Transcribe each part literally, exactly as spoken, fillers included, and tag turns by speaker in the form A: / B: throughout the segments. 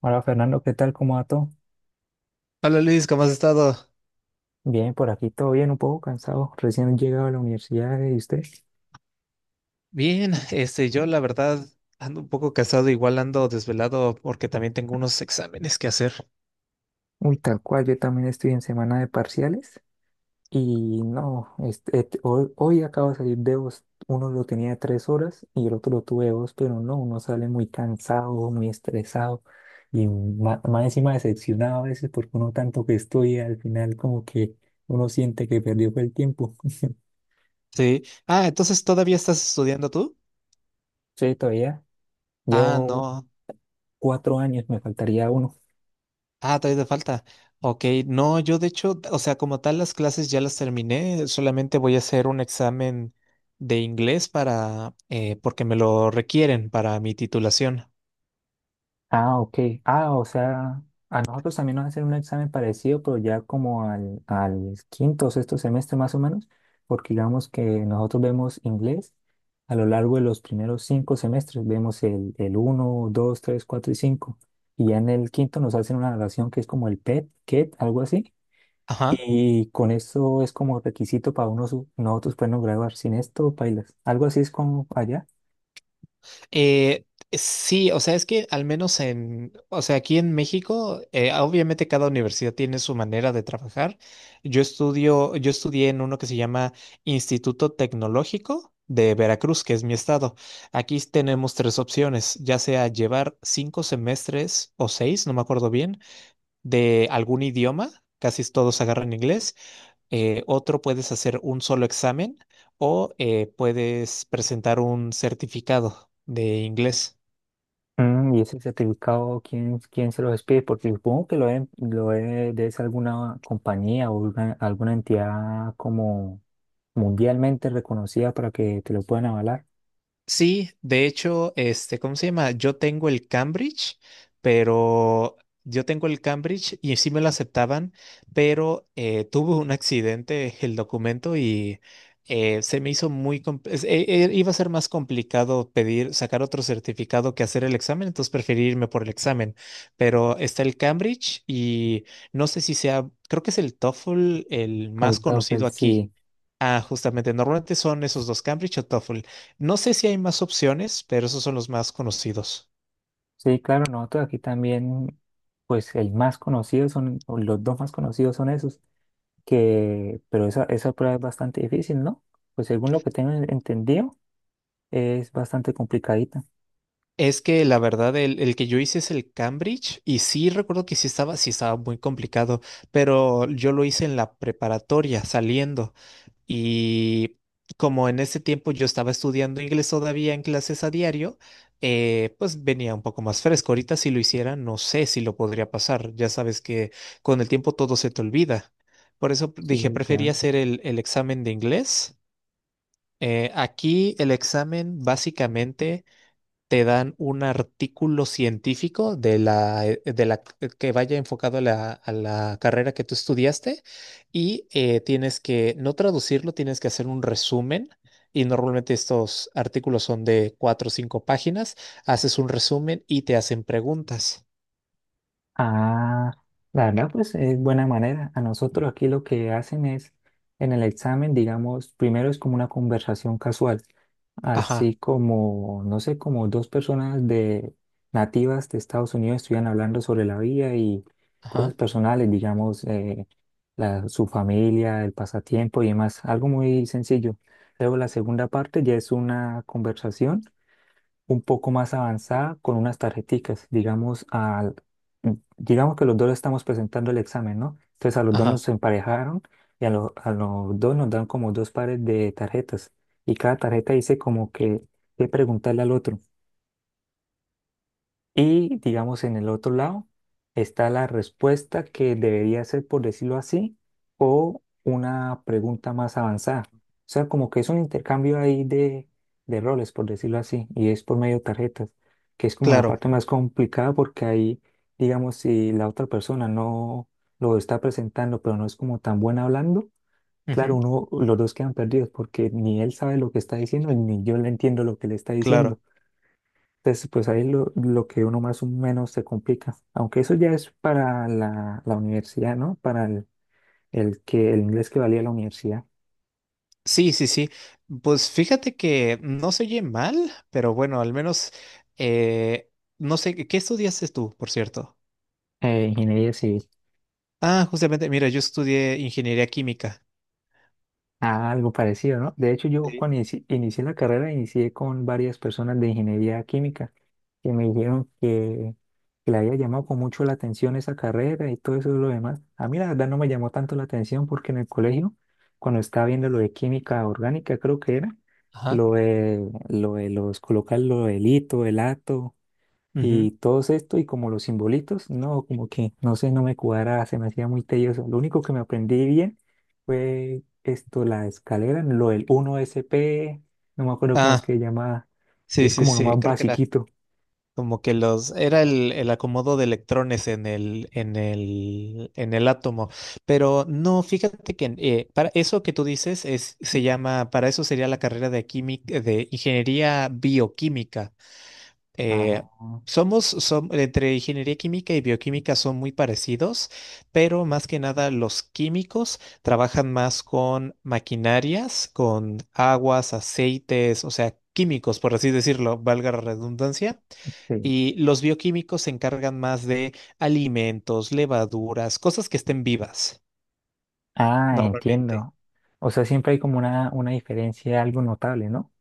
A: Hola Fernando, ¿qué tal? ¿Cómo va todo?
B: Hola Luis, ¿cómo has estado?
A: Bien, por aquí todo bien, un poco cansado. Recién llegado a la universidad y usted.
B: Bien, este, yo la verdad ando un poco cansado, igual ando desvelado porque también tengo unos exámenes que hacer.
A: Uy, tal cual, yo también estoy en semana de parciales y no, este, et- hoy, hoy acabo de salir de dos. Uno lo tenía de tres horas y el otro lo tuve de dos, pero no, uno sale muy cansado, muy estresado y ma- más, encima decepcionado a veces porque uno tanto que estudia, al final como que uno siente que perdió fue el tiempo.
B: Sí. Ah, entonces, ¿todavía estás estudiando tú?
A: Sí, todavía
B: Ah,
A: llevo
B: no.
A: cuatro años, me faltaría uno.
B: Ah, todavía te falta. Ok, no, yo de hecho, o sea, como tal las clases ya las terminé, solamente voy a hacer un examen de inglés para, eh, porque me lo requieren para mi titulación.
A: Ah, ok. Ah, o sea, a nosotros también nos hacen un examen parecido, pero ya como al, al quinto o sexto semestre más o menos, porque digamos que nosotros vemos inglés a lo largo de los primeros cinco semestres, vemos el, el uno, dos, tres, cuatro y cinco, y ya en el quinto nos hacen una evaluación que es como el P E T, K E T, algo así,
B: Ajá.
A: y con eso es como requisito para uno, su- nosotros podernos graduar, sin esto, pailas. Algo así es como allá.
B: Eh, sí, o sea, es que al menos en, o sea, aquí en México, eh, obviamente cada universidad tiene su manera de trabajar. Yo estudio, yo estudié en uno que se llama Instituto Tecnológico de Veracruz, que es mi estado. Aquí tenemos tres opciones, ya sea llevar cinco semestres o seis, no me acuerdo bien, de algún idioma. Casi todos agarran inglés. Eh, otro, puedes hacer un solo examen o eh, puedes presentar un certificado de inglés.
A: Mm, ¿y ese certificado quién, quién se lo despide? Porque supongo que lo, deben- lo debe, debe ser alguna compañía o alguna, alguna entidad como mundialmente reconocida para que te lo puedan avalar.
B: Sí, de hecho, este, ¿cómo se llama? Yo tengo el Cambridge, pero yo tengo el Cambridge y sí me lo aceptaban, pero eh, tuve un accidente el documento y eh, se me hizo muy, com- es- e- e- iba a ser más complicado pedir, sacar otro certificado que hacer el examen, entonces preferí irme por el examen, pero está el Cambridge y no sé si sea, creo que es el TOEFL el
A: El
B: más
A: TOEFL,
B: conocido aquí.
A: sí.
B: Ah, justamente, normalmente son esos dos, Cambridge o TOEFL. No sé si hay más opciones, pero esos son los más conocidos.
A: Sí, claro, nosotros aquí también, pues el más conocido son, o los dos más conocidos son esos, que, pero esa, esa prueba es bastante difícil, ¿no? Pues según lo que tengo entendido, es bastante complicadita.
B: Es que la verdad, el, el que yo hice es el Cambridge y sí recuerdo que sí estaba, sí estaba muy complicado, pero yo lo hice en la preparatoria, saliendo. Y como en ese tiempo yo estaba estudiando inglés todavía en clases a diario, eh, pues venía un poco más fresco. Ahorita si lo hiciera, no sé si lo podría pasar. Ya sabes que con el tiempo todo se te olvida. Por eso p-
A: Sí,
B: dije, prefería
A: claro.
B: hacer el, el examen de inglés. Eh, aquí el examen básicamente te dan un artículo científico de la, eh, de la c- que vaya enfocado a la, a la carrera que tú estudiaste y eh, tienes que no traducirlo, tienes que hacer un resumen. Y normalmente estos artículos son de cuatro o cinco páginas. Haces un resumen y te hacen preguntas.
A: Ah, la verdad, pues es buena manera. A nosotros aquí lo que hacen es, en el examen, digamos, primero es como una conversación casual,
B: Ajá,
A: así como, no sé, como dos personas de nativas de Estados Unidos estuvieran hablando sobre la vida y cosas
B: ajá,
A: personales, digamos, eh, la, su familia, el pasatiempo y demás, algo muy sencillo. Luego la segunda parte ya es una conversación un poco más avanzada con unas tarjeticas, digamos, al, digamos que los dos estamos presentando el examen, ¿no? Entonces a los dos
B: ajá.
A: nos emparejaron y a, lo- a los dos nos dan como dos pares de tarjetas y cada tarjeta dice como que qué preguntarle al otro. Y digamos en el otro lado está la respuesta que debería ser, por decirlo así, o una pregunta más avanzada. O sea, como que es un intercambio ahí de, de roles, por decirlo así, y es por medio de tarjetas, que es como la
B: Claro,
A: parte más complicada porque ahí, digamos, si la otra persona no lo está presentando, pero no es como tan buena hablando, claro,
B: ujú,
A: uno, los dos quedan perdidos porque ni él sabe lo que está diciendo, ni yo le entiendo lo que le está diciendo.
B: claro.
A: Entonces, pues ahí lo, lo que uno más o menos se complica. Aunque eso ya es para la, la universidad, ¿no? Para el, el que, el inglés que valía la universidad,
B: Sí, sí, sí. Pues fíjate que no se oye mal, pero bueno, al menos eh, no sé, ¿qué qué estudiaste tú, por cierto?
A: eh, ingeniería civil.
B: Ah, justamente, mira, yo estudié ingeniería química.
A: Ah, algo parecido, ¿no? De hecho, yo
B: Sí.
A: cuando inici- inicié la carrera, inicié con varias personas de ingeniería química que me dijeron que, que le había llamado con mucho la atención esa carrera y todo eso y lo demás. A mí la verdad no me llamó tanto la atención porque en el colegio, cuando estaba viendo lo de química orgánica, creo que era,
B: Ajá.
A: lo de, lo de los colocar lo del hito, el ato.
B: Ujú.
A: Y todo esto y como los simbolitos, no, como que no sé, no me cuadra, se me hacía muy tedioso. Lo único que me aprendí bien fue esto, la escalera, lo del uno S P, no me acuerdo cómo es
B: Ah,
A: que se llama, que
B: sí,
A: es
B: sí,
A: como lo
B: sí,
A: más
B: creo que era
A: basiquito.
B: como que los, era el, el acomodo de electrones en el, en el, en el átomo. Pero no, fíjate que eh, para eso que tú dices es, se llama, para eso sería la carrera de química, de ingeniería bioquímica. Eh,
A: Ah,
B: Somos, som- entre ingeniería química y bioquímica son muy parecidos, pero más que nada los químicos trabajan más con maquinarias, con aguas, aceites, o sea, químicos, por así decirlo, valga la redundancia.
A: sí.
B: Y los bioquímicos se encargan más de alimentos, levaduras, cosas que estén vivas
A: Ah,
B: normalmente.
A: entiendo. O sea, siempre hay como una, una diferencia algo notable, ¿no?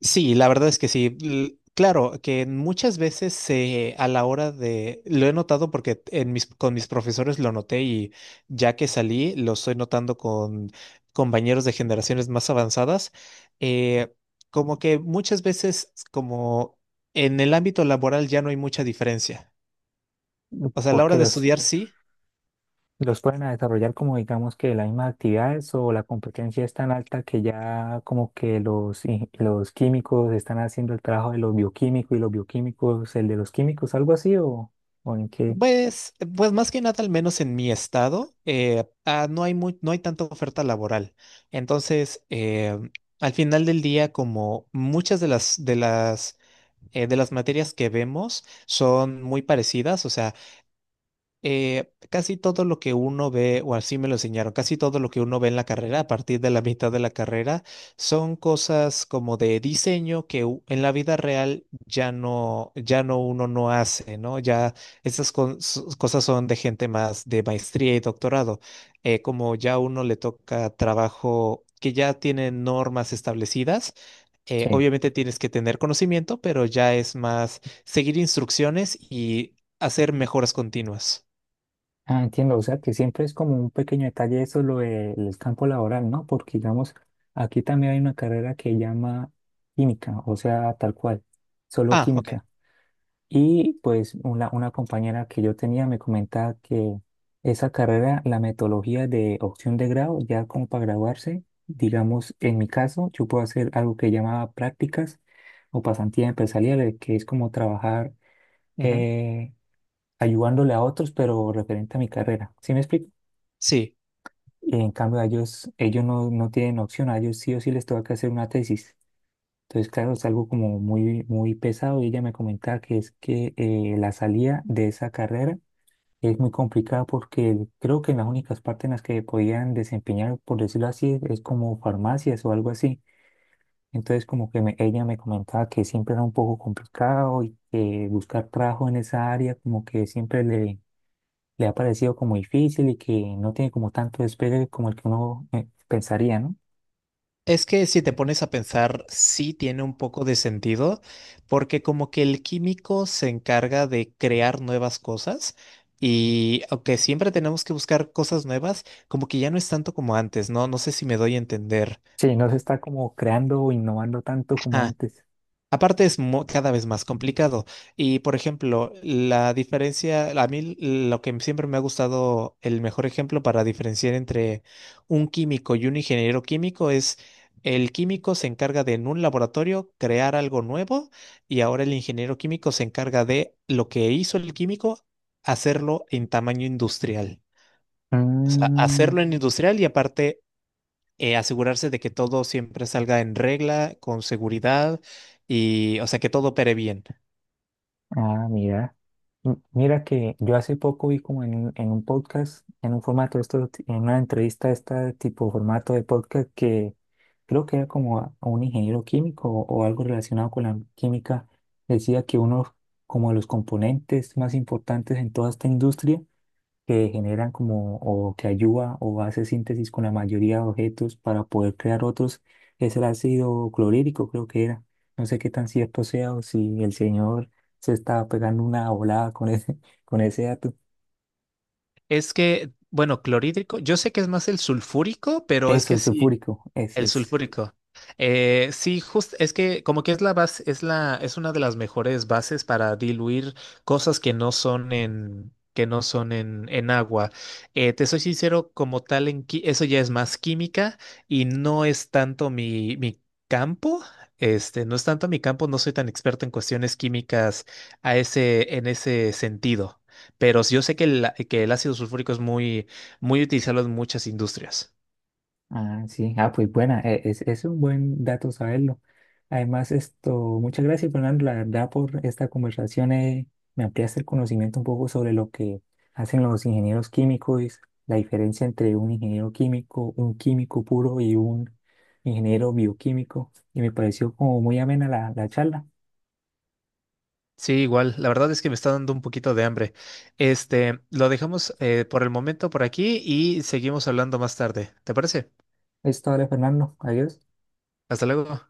B: Sí, la verdad es que sí. L- Claro, que muchas veces se- a la hora de, lo he notado porque en mis, con mis profesores lo noté y ya que salí, lo estoy notando con compañeros de generaciones más avanzadas, eh, como que muchas veces como en el ámbito laboral ya no hay mucha diferencia. O sea, a la hora
A: Porque
B: de
A: los,
B: estudiar sí.
A: Los pueden a desarrollar como digamos que las mismas actividades o la competencia es tan alta que ya como que los, in- los químicos están haciendo el trabajo de los bioquímicos y los bioquímicos el de los químicos, algo así o, o en qué.
B: Pues, pues más que nada, al menos en mi estado, eh, ah, no hay muy- no hay tanta oferta laboral. Entonces, eh, al final del día, como muchas de las, de las, eh, de las materias que vemos son muy parecidas, o sea, eh, casi todo lo que uno ve, o así me lo enseñaron, casi todo lo que uno ve en la carrera, a partir de la mitad de la carrera, son cosas como de diseño que u- en la vida real ya no, ya no uno no hace, ¿no? Ya esas con- s- cosas son de gente más de maestría y doctorado. Eh, como ya uno le toca trabajo que ya tiene normas establecidas. Eh,
A: Sí.
B: obviamente tienes que tener conocimiento, pero ya es más seguir instrucciones y hacer mejoras continuas.
A: Ah, entiendo, o sea que siempre es como un pequeño detalle eso lo del campo laboral, ¿no? Porque digamos, aquí también hay una carrera que llama química, o sea, tal cual, solo
B: Ah, ok.
A: química. Y pues una, una compañera que yo tenía me comentaba que esa carrera, la metodología de opción de grado, ya como para graduarse, digamos, en mi caso, yo puedo hacer algo que llamaba prácticas o pasantías empresariales, que es como trabajar
B: Ujú.
A: eh, ayudándole a otros, pero referente a mi carrera. ¿Sí me explico?
B: Sí,
A: Y en cambio, a ellos, ellos no, no tienen opción, a ellos sí o sí les toca que hacer una tesis. Entonces, claro, es algo como muy, muy pesado y ella me comentaba que es que eh, la salida de esa carrera es muy complicado porque creo que las únicas partes en las que podían desempeñar, por decirlo así, es como farmacias o algo así. Entonces como que me- ella me comentaba que siempre era un poco complicado y que buscar trabajo en esa área como que siempre le, le ha parecido como difícil y que no tiene como tanto despegue como el que uno eh, pensaría, ¿no?
B: es que si te pones a pensar, sí tiene un poco de sentido, porque como que el químico se encarga de crear nuevas cosas y aunque siempre tenemos que buscar cosas nuevas, como que ya no es tanto como antes, ¿no? No sé si me doy a entender.
A: Sí, no se está como creando o innovando tanto como antes.
B: Aparte es mu- cada vez más complicado. Y por ejemplo, la diferencia, a mí lo que siempre me ha gustado, el mejor ejemplo para diferenciar entre un químico y un ingeniero químico es: el químico se encarga de en un laboratorio crear algo nuevo y ahora el ingeniero químico se encarga de lo que hizo el químico, hacerlo en tamaño industrial. O sea,
A: Mm,
B: hacerlo en industrial y aparte eh, asegurarse de que todo siempre salga en regla, con seguridad y, o sea, que todo opere bien.
A: ah, mira. M- Mira que yo hace poco vi como en un, en un podcast, en un formato, de esto, en una entrevista de este tipo formato de podcast que creo que era como a a un ingeniero químico o, o algo relacionado con la química, decía que uno como de los componentes más importantes en toda esta industria que generan como o que ayuda o hace síntesis con la mayoría de objetos para poder crear otros, es el ácido clorhídrico, creo que era. No sé qué tan cierto sea o si el señor se estaba pegando una volada con ese, con ese dato.
B: Es que, bueno, clorhídrico, yo sé que es más el sulfúrico, pero es
A: Eso,
B: que
A: el
B: sí.
A: sulfúrico, ese
B: El
A: es.
B: sulfúrico. Eh, sí, justo es que como que es la base, es la, es una de las mejores bases para diluir cosas que no son en, que no son en, en agua. Eh, te soy sincero, como tal, en, qui- eso ya es más química y no es tanto mi, mi campo. Este, no es tanto mi campo, no soy tan experto en cuestiones químicas a ese, en ese sentido. Pero sí yo sé que el, que el ácido sulfúrico es muy, muy utilizado en muchas industrias.
A: Ah, sí, ah, pues buena, e- es, es un buen dato saberlo. Además, esto, muchas gracias, Fernando, la verdad, por esta conversación. Eh, me ampliaste el conocimiento un poco sobre lo que hacen los ingenieros químicos, la diferencia entre un ingeniero químico, un químico puro y un ingeniero bioquímico. Y me pareció como muy amena la, la charla.
B: Sí, igual. La verdad es que me está dando un poquito de hambre. Este, lo dejamos eh, por el momento por aquí y seguimos hablando más tarde. ¿Te parece?
A: Es todo, Fernando. Adiós.
B: Hasta luego.